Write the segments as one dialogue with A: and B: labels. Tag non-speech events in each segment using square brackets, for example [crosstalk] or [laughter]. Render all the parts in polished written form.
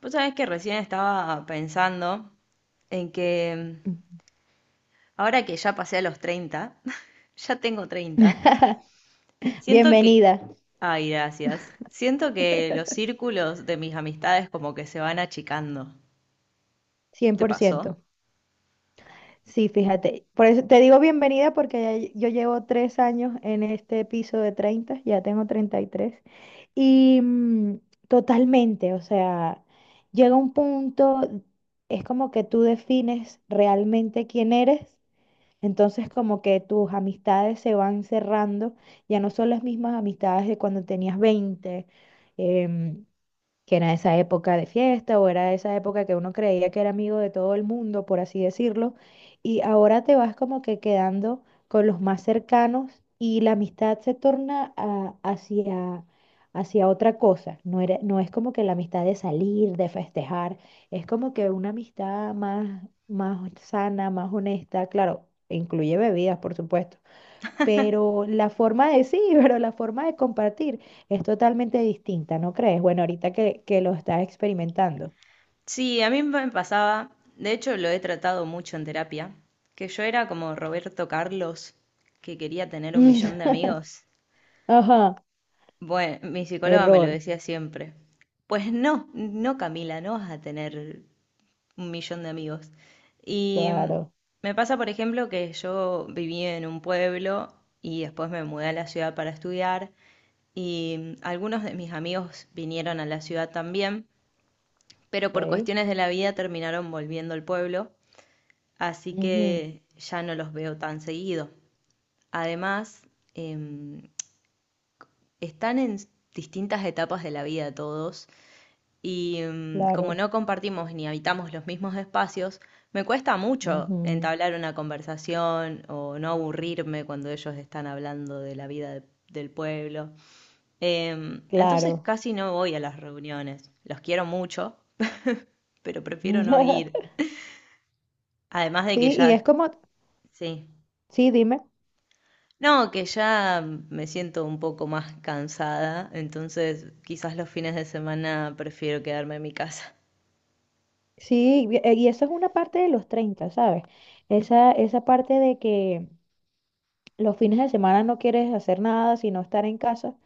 A: Vos sabés que recién estaba pensando en que mm, ahora que ya pasé a los 30 [laughs] ya tengo 30
B: [laughs]
A: siento que...
B: Bienvenida,
A: Ay, gracias. Siento que los círculos de mis amistades como que se van achicando.
B: cien
A: ¿Te
B: por
A: pasó?
B: ciento. Sí, fíjate. Por eso te digo bienvenida porque ya yo llevo 3 años en este piso de 30. Ya tengo 30 y tres. Y totalmente, o sea, llega un punto, es como que tú defines realmente quién eres. Entonces como que tus amistades se van cerrando, ya no son las mismas amistades de cuando tenías 20. em, que era esa época de fiesta, o era esa época que uno creía que era amigo de todo el mundo, por así decirlo. Y ahora te vas como que quedando con los más cercanos, y la amistad se torna hacia otra cosa. No es como que la amistad de salir, de festejar. Es como que una amistad más, más sana, más honesta. Claro, incluye bebidas, por supuesto. Pero la forma de sí, [laughs] Pero la forma de compartir es totalmente distinta, ¿no crees? Bueno, ahorita que lo estás experimentando.
A: Sí, a mí me pasaba, de hecho lo he tratado mucho en terapia, que yo era como Roberto Carlos, que quería tener un millón de
B: [laughs]
A: amigos.
B: Ajá,
A: Bueno, mi psicóloga me lo
B: error,
A: decía siempre. Pues no, no, Camila, no vas a tener un millón de amigos. Y
B: claro,
A: me pasa, por ejemplo, que yo viví en un pueblo y después me mudé a la ciudad para estudiar y algunos de mis amigos vinieron a la ciudad también, pero por
B: ok.
A: cuestiones de la vida terminaron volviendo al pueblo, así
B: Ujú,
A: que ya no los veo tan seguido. Además, em, están en distintas etapas de la vida todos. Como
B: claro,
A: no compartimos ni habitamos los mismos espacios, me cuesta mucho
B: ujú,
A: entablar una conversación o no aburrirme cuando ellos están hablando de la vida del pueblo. Entonces
B: claro.
A: casi no voy a las reuniones. Los quiero mucho, pero prefiero no ir.
B: [laughs]
A: Además de que
B: Sí, y es
A: ya,
B: como,
A: sí.
B: sí, dime,
A: No, que ya me siento un poco más cansada, entonces quizás los fines de semana prefiero quedarme en mi casa.
B: sí, y eso es una parte de los 30, ¿sabes? Esa parte de que los fines de semana no quieres hacer nada, sino estar en casa.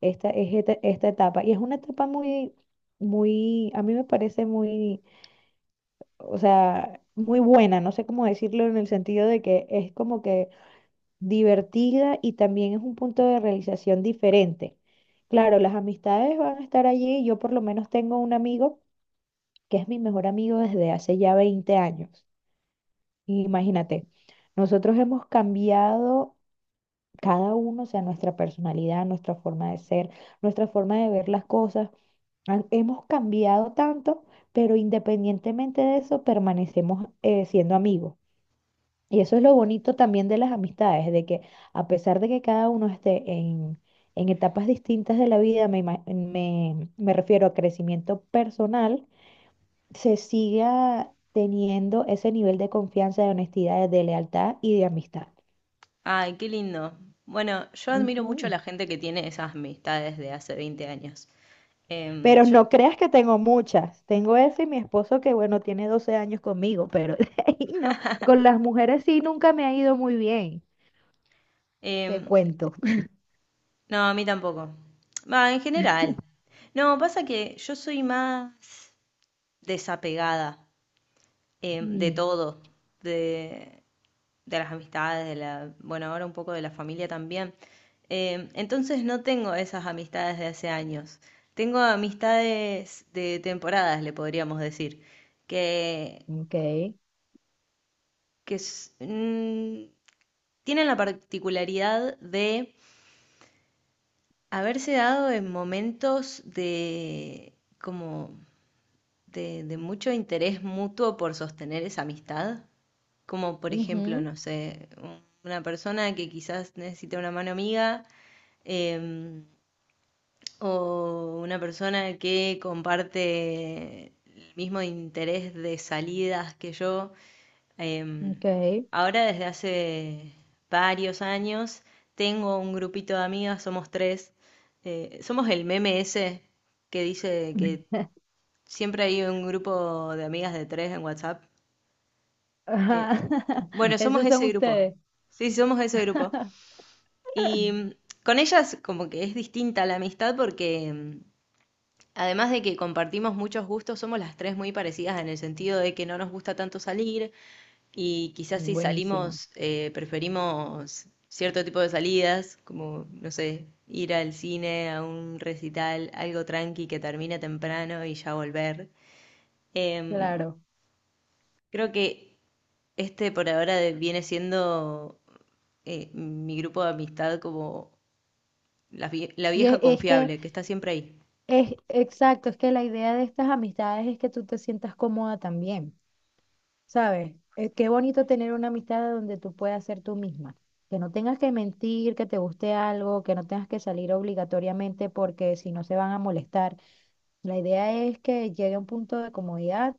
B: Esta es esta etapa. Y es una etapa muy, muy, a mí me parece muy, o sea, muy buena. No sé cómo decirlo, en el sentido de que es como que divertida, y también es un punto de realización diferente. Claro, las amistades van a estar allí. Yo por lo menos tengo un amigo que es mi mejor amigo desde hace ya 20 años. Imagínate, nosotros hemos cambiado cada uno, o sea, nuestra personalidad, nuestra forma de ser, nuestra forma de ver las cosas. Hemos cambiado tanto, pero independientemente de eso, permanecemos siendo amigos. Y eso es lo bonito también de las amistades, de que a pesar de que cada uno esté en etapas distintas de la vida, me refiero a crecimiento personal, se siga teniendo ese nivel de confianza, de honestidad, de lealtad y de amistad.
A: Ay, qué lindo. Bueno, yo admiro mucho a la
B: Ujú.
A: gente que tiene esas amistades de hace veinte años. Em,
B: Pero
A: yo-
B: no creas que tengo muchas. Tengo ese y mi esposo que, bueno, tiene 12 años conmigo, pero [laughs] de ahí no. Con las mujeres sí nunca me ha ido muy bien, te
A: em,
B: cuento. [laughs]
A: no, a mí tampoco. Va, en general. No, pasa que yo soy más desapegada, de
B: Mm,
A: todo, de, de las amistades, de la, bueno, ahora un poco de la familia también. Entonces no tengo esas amistades de hace años. Tengo amistades de temporadas, le podríamos decir, que
B: ok.
A: que tienen la particularidad de haberse dado en momentos de como de mucho interés mutuo por sostener esa amistad, como por ejemplo,
B: Ujú,
A: no sé, una persona que quizás necesita una mano amiga, em, o una persona que comparte el mismo interés de salidas que yo. Em,
B: ok.
A: Ahora desde hace varios años tengo un grupito de amigas, somos tres. Somos el meme ese que dice que siempre hay un grupo de amigas de tres en WhatsApp.
B: Ajá,
A: Eh,
B: [laughs]
A: bueno, somos
B: esos son
A: ese grupo.
B: ustedes.
A: Sí, somos ese grupo.
B: [laughs]
A: Y mm, con ellas como que es distinta la amistad porque además de que compartimos muchos gustos, somos las tres muy parecidas en el sentido de que no nos gusta tanto salir y quizás si
B: Buenísimo,
A: salimos preferimos cierto tipo de salidas, como, no sé, ir al cine, a un recital, algo tranqui que termine temprano y ya volver. Em,
B: claro.
A: Creo que este por ahora viene siendo mi grupo de amistad como la la
B: Y es,
A: vieja
B: es que,
A: confiable, que está siempre ahí.
B: es que la idea de estas amistades es que tú te sientas cómoda también. ¿Sabes? Qué bonito tener una amistad donde tú puedas ser tú misma. Que no tengas que mentir, que te guste algo, que no tengas que salir obligatoriamente porque si no se van a molestar. La idea es que llegue a un punto de comodidad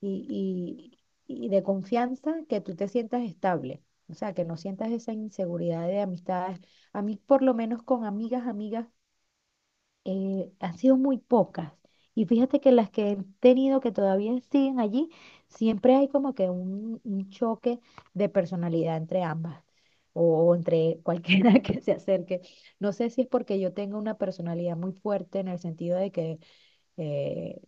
B: y, y de confianza, que tú te sientas estable. O sea, que no sientas esa inseguridad de amistades. A mí, por lo menos, con amigas, amigas, han sido muy pocas. Y fíjate que las que he tenido que todavía siguen allí, siempre hay como que un choque de personalidad entre ambas o entre cualquiera [laughs] que se acerque. No sé si es porque yo tengo una personalidad muy fuerte, en el sentido de que eh,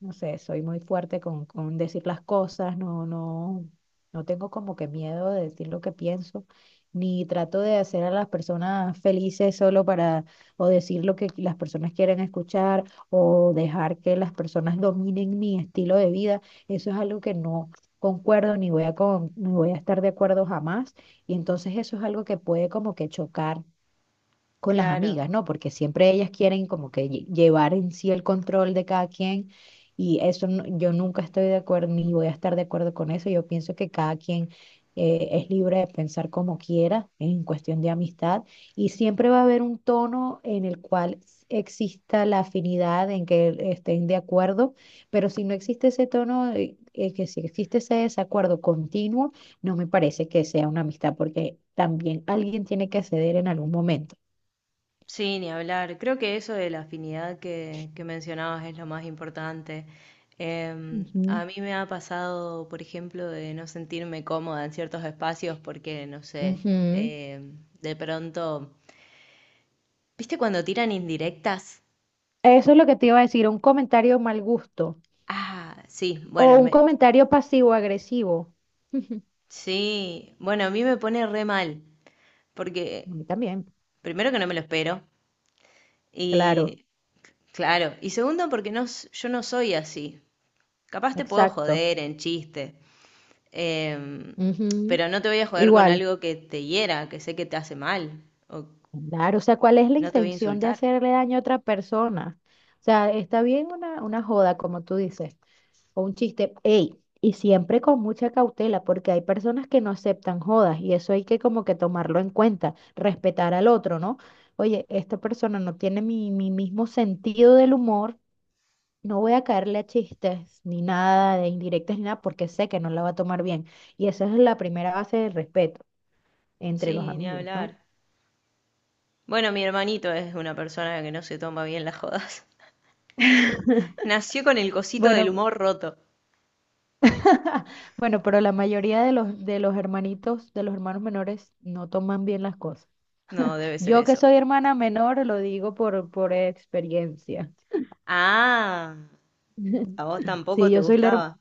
B: no sé, soy muy fuerte con decir las cosas. No, no tengo como que miedo de decir lo que pienso, ni trato de hacer a las personas felices solo para, o decir lo que las personas quieren escuchar, o dejar que las personas dominen mi estilo de vida. Eso es algo que no concuerdo, ni voy a estar de acuerdo jamás. Y entonces eso es algo que puede como que chocar con las
A: Claro.
B: amigas, ¿no? Porque siempre ellas quieren como que llevar en sí el control de cada quien, y eso no, yo nunca estoy de acuerdo ni voy a estar de acuerdo con eso. Yo pienso que cada quien es libre de pensar como quiera en cuestión de amistad, y siempre va a haber un tono en el cual exista la afinidad en que estén de acuerdo. Pero si no existe ese tono, que si existe ese desacuerdo continuo, no me parece que sea una amistad, porque también alguien tiene que ceder en algún momento.
A: Sí, ni hablar. Creo que eso de la afinidad que mencionabas es lo más importante. A
B: Ujú,
A: mí me ha pasado, por ejemplo, de no sentirme cómoda en ciertos espacios porque, no sé,
B: ujú.
A: de pronto, ¿viste cuando tiran indirectas?
B: Eso es lo que te iba a decir, un comentario mal gusto
A: Ah, sí,
B: o
A: bueno,
B: un
A: me,
B: comentario pasivo-agresivo. [laughs]
A: sí, bueno, a mí me pone re mal
B: A
A: porque,
B: mí también,
A: primero que no me lo espero
B: claro,
A: y, claro, y segundo porque no, yo no soy así. Capaz te puedo
B: exacto.
A: joder en chiste. Em,
B: Ujú.
A: pero no te voy a joder con
B: Igual,
A: algo que te hiera, que sé que te hace mal, o
B: claro, o sea, ¿cuál es la
A: no te voy a
B: intención de
A: insultar.
B: hacerle daño a otra persona? O sea, está bien una joda, como tú dices, o un chiste, ey, y siempre con mucha cautela, porque hay personas que no aceptan jodas, y eso hay que como que tomarlo en cuenta, respetar al otro, ¿no? Oye, esta persona no tiene mi mismo sentido del humor, no voy a caerle a chistes ni nada de indirectas ni nada porque sé que no la va a tomar bien. Y esa es la primera base del respeto entre los
A: Sí, ni
B: amigos, ¿no?
A: hablar. Bueno, mi hermanito es una persona que no se toma bien las jodas. [laughs] Nació con el cosito del
B: Bueno,
A: humor roto.
B: [laughs] bueno, pero la mayoría de los hermanitos, de los hermanos menores, no toman bien las cosas.
A: No, debe ser
B: Yo que
A: eso.
B: soy hermana menor, lo digo por experiencia.
A: Ah, a vos
B: [laughs]
A: tampoco
B: Sí,
A: te
B: yo soy la hermana,
A: gustaba.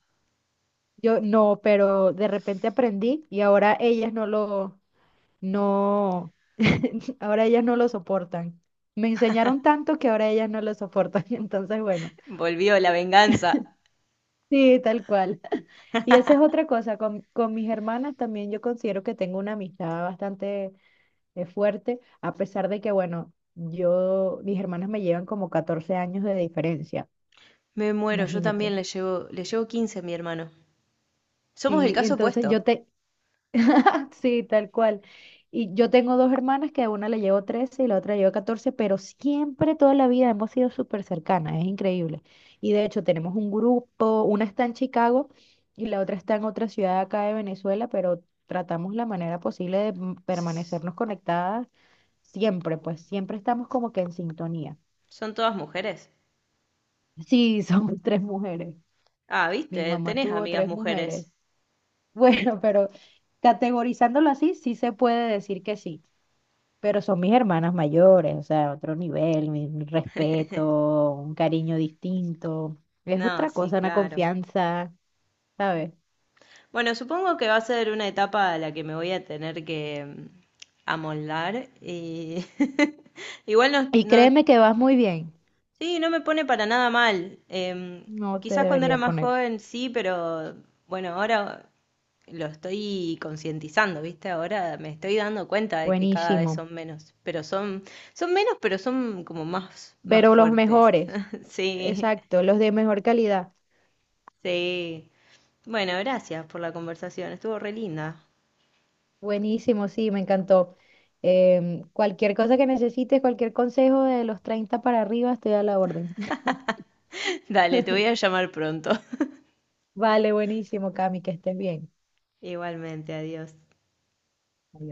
B: yo no, pero de repente aprendí, y ahora ellas no lo, no, [laughs] ahora ellas no lo soportan. Me enseñaron tanto que ahora ellas no lo soportan. [laughs] Entonces, bueno,
A: Volvió la venganza.
B: sí, tal cual. [laughs] Y esa es otra cosa, con mis hermanas también yo considero que tengo una amistad bastante fuerte, a pesar de que, bueno, yo, mis hermanas me llevan como 14 años de diferencia,
A: Me muero, yo también
B: imagínate.
A: le llevo 15 a mi hermano. Somos el
B: Sí,
A: caso
B: entonces
A: opuesto.
B: [laughs] sí, tal cual. Y yo tengo dos hermanas, que a una le llevo 13 y la otra le llevo 14, pero siempre, toda la vida hemos sido súper cercanas, es increíble. Y de hecho tenemos un grupo, una está en Chicago y la otra está en otra ciudad acá de Venezuela, pero tratamos la manera posible de m-
A: S-
B: permanecernos conectadas siempre. Pues siempre estamos como que en sintonía.
A: Son todas mujeres.
B: Sí, somos [laughs] tres mujeres.
A: Ah,
B: Mi
A: viste,
B: mamá
A: tenés
B: tuvo
A: amigas
B: tres mujeres.
A: mujeres.
B: [laughs] Bueno, pero categorizándolo así, sí se puede decir que sí, pero son mis hermanas mayores, o sea, otro nivel, mi respeto, un cariño distinto, es
A: No,
B: otra
A: sí,
B: cosa, una
A: claro.
B: confianza, ¿sabes?
A: Bueno, supongo que va a ser una etapa a la que me voy a tener que amoldar y [laughs] igual no,
B: Y créeme que vas muy bien,
A: sí, no me pone para nada mal.
B: no te
A: Quizás cuando era
B: debería
A: más
B: poner,
A: joven sí, pero bueno, ahora lo estoy concientizando, ¿viste? Ahora me estoy dando cuenta de que cada vez
B: buenísimo,
A: son menos, pero son, son menos, pero son como más, más
B: pero los
A: fuertes.
B: mejores,
A: [laughs] Sí,
B: exacto, los de mejor calidad,
A: sí. Bueno, gracias por la conversación, estuvo re linda.
B: buenísimo, sí, me encantó. Cualquier cosa que necesites, cualquier consejo de los 30 para arriba, estoy a la orden. [laughs]
A: Dale, te voy a llamar pronto. [laughs]
B: Vale, buenísimo, Cami, que estés bien.
A: Igualmente, adiós.
B: Adiós.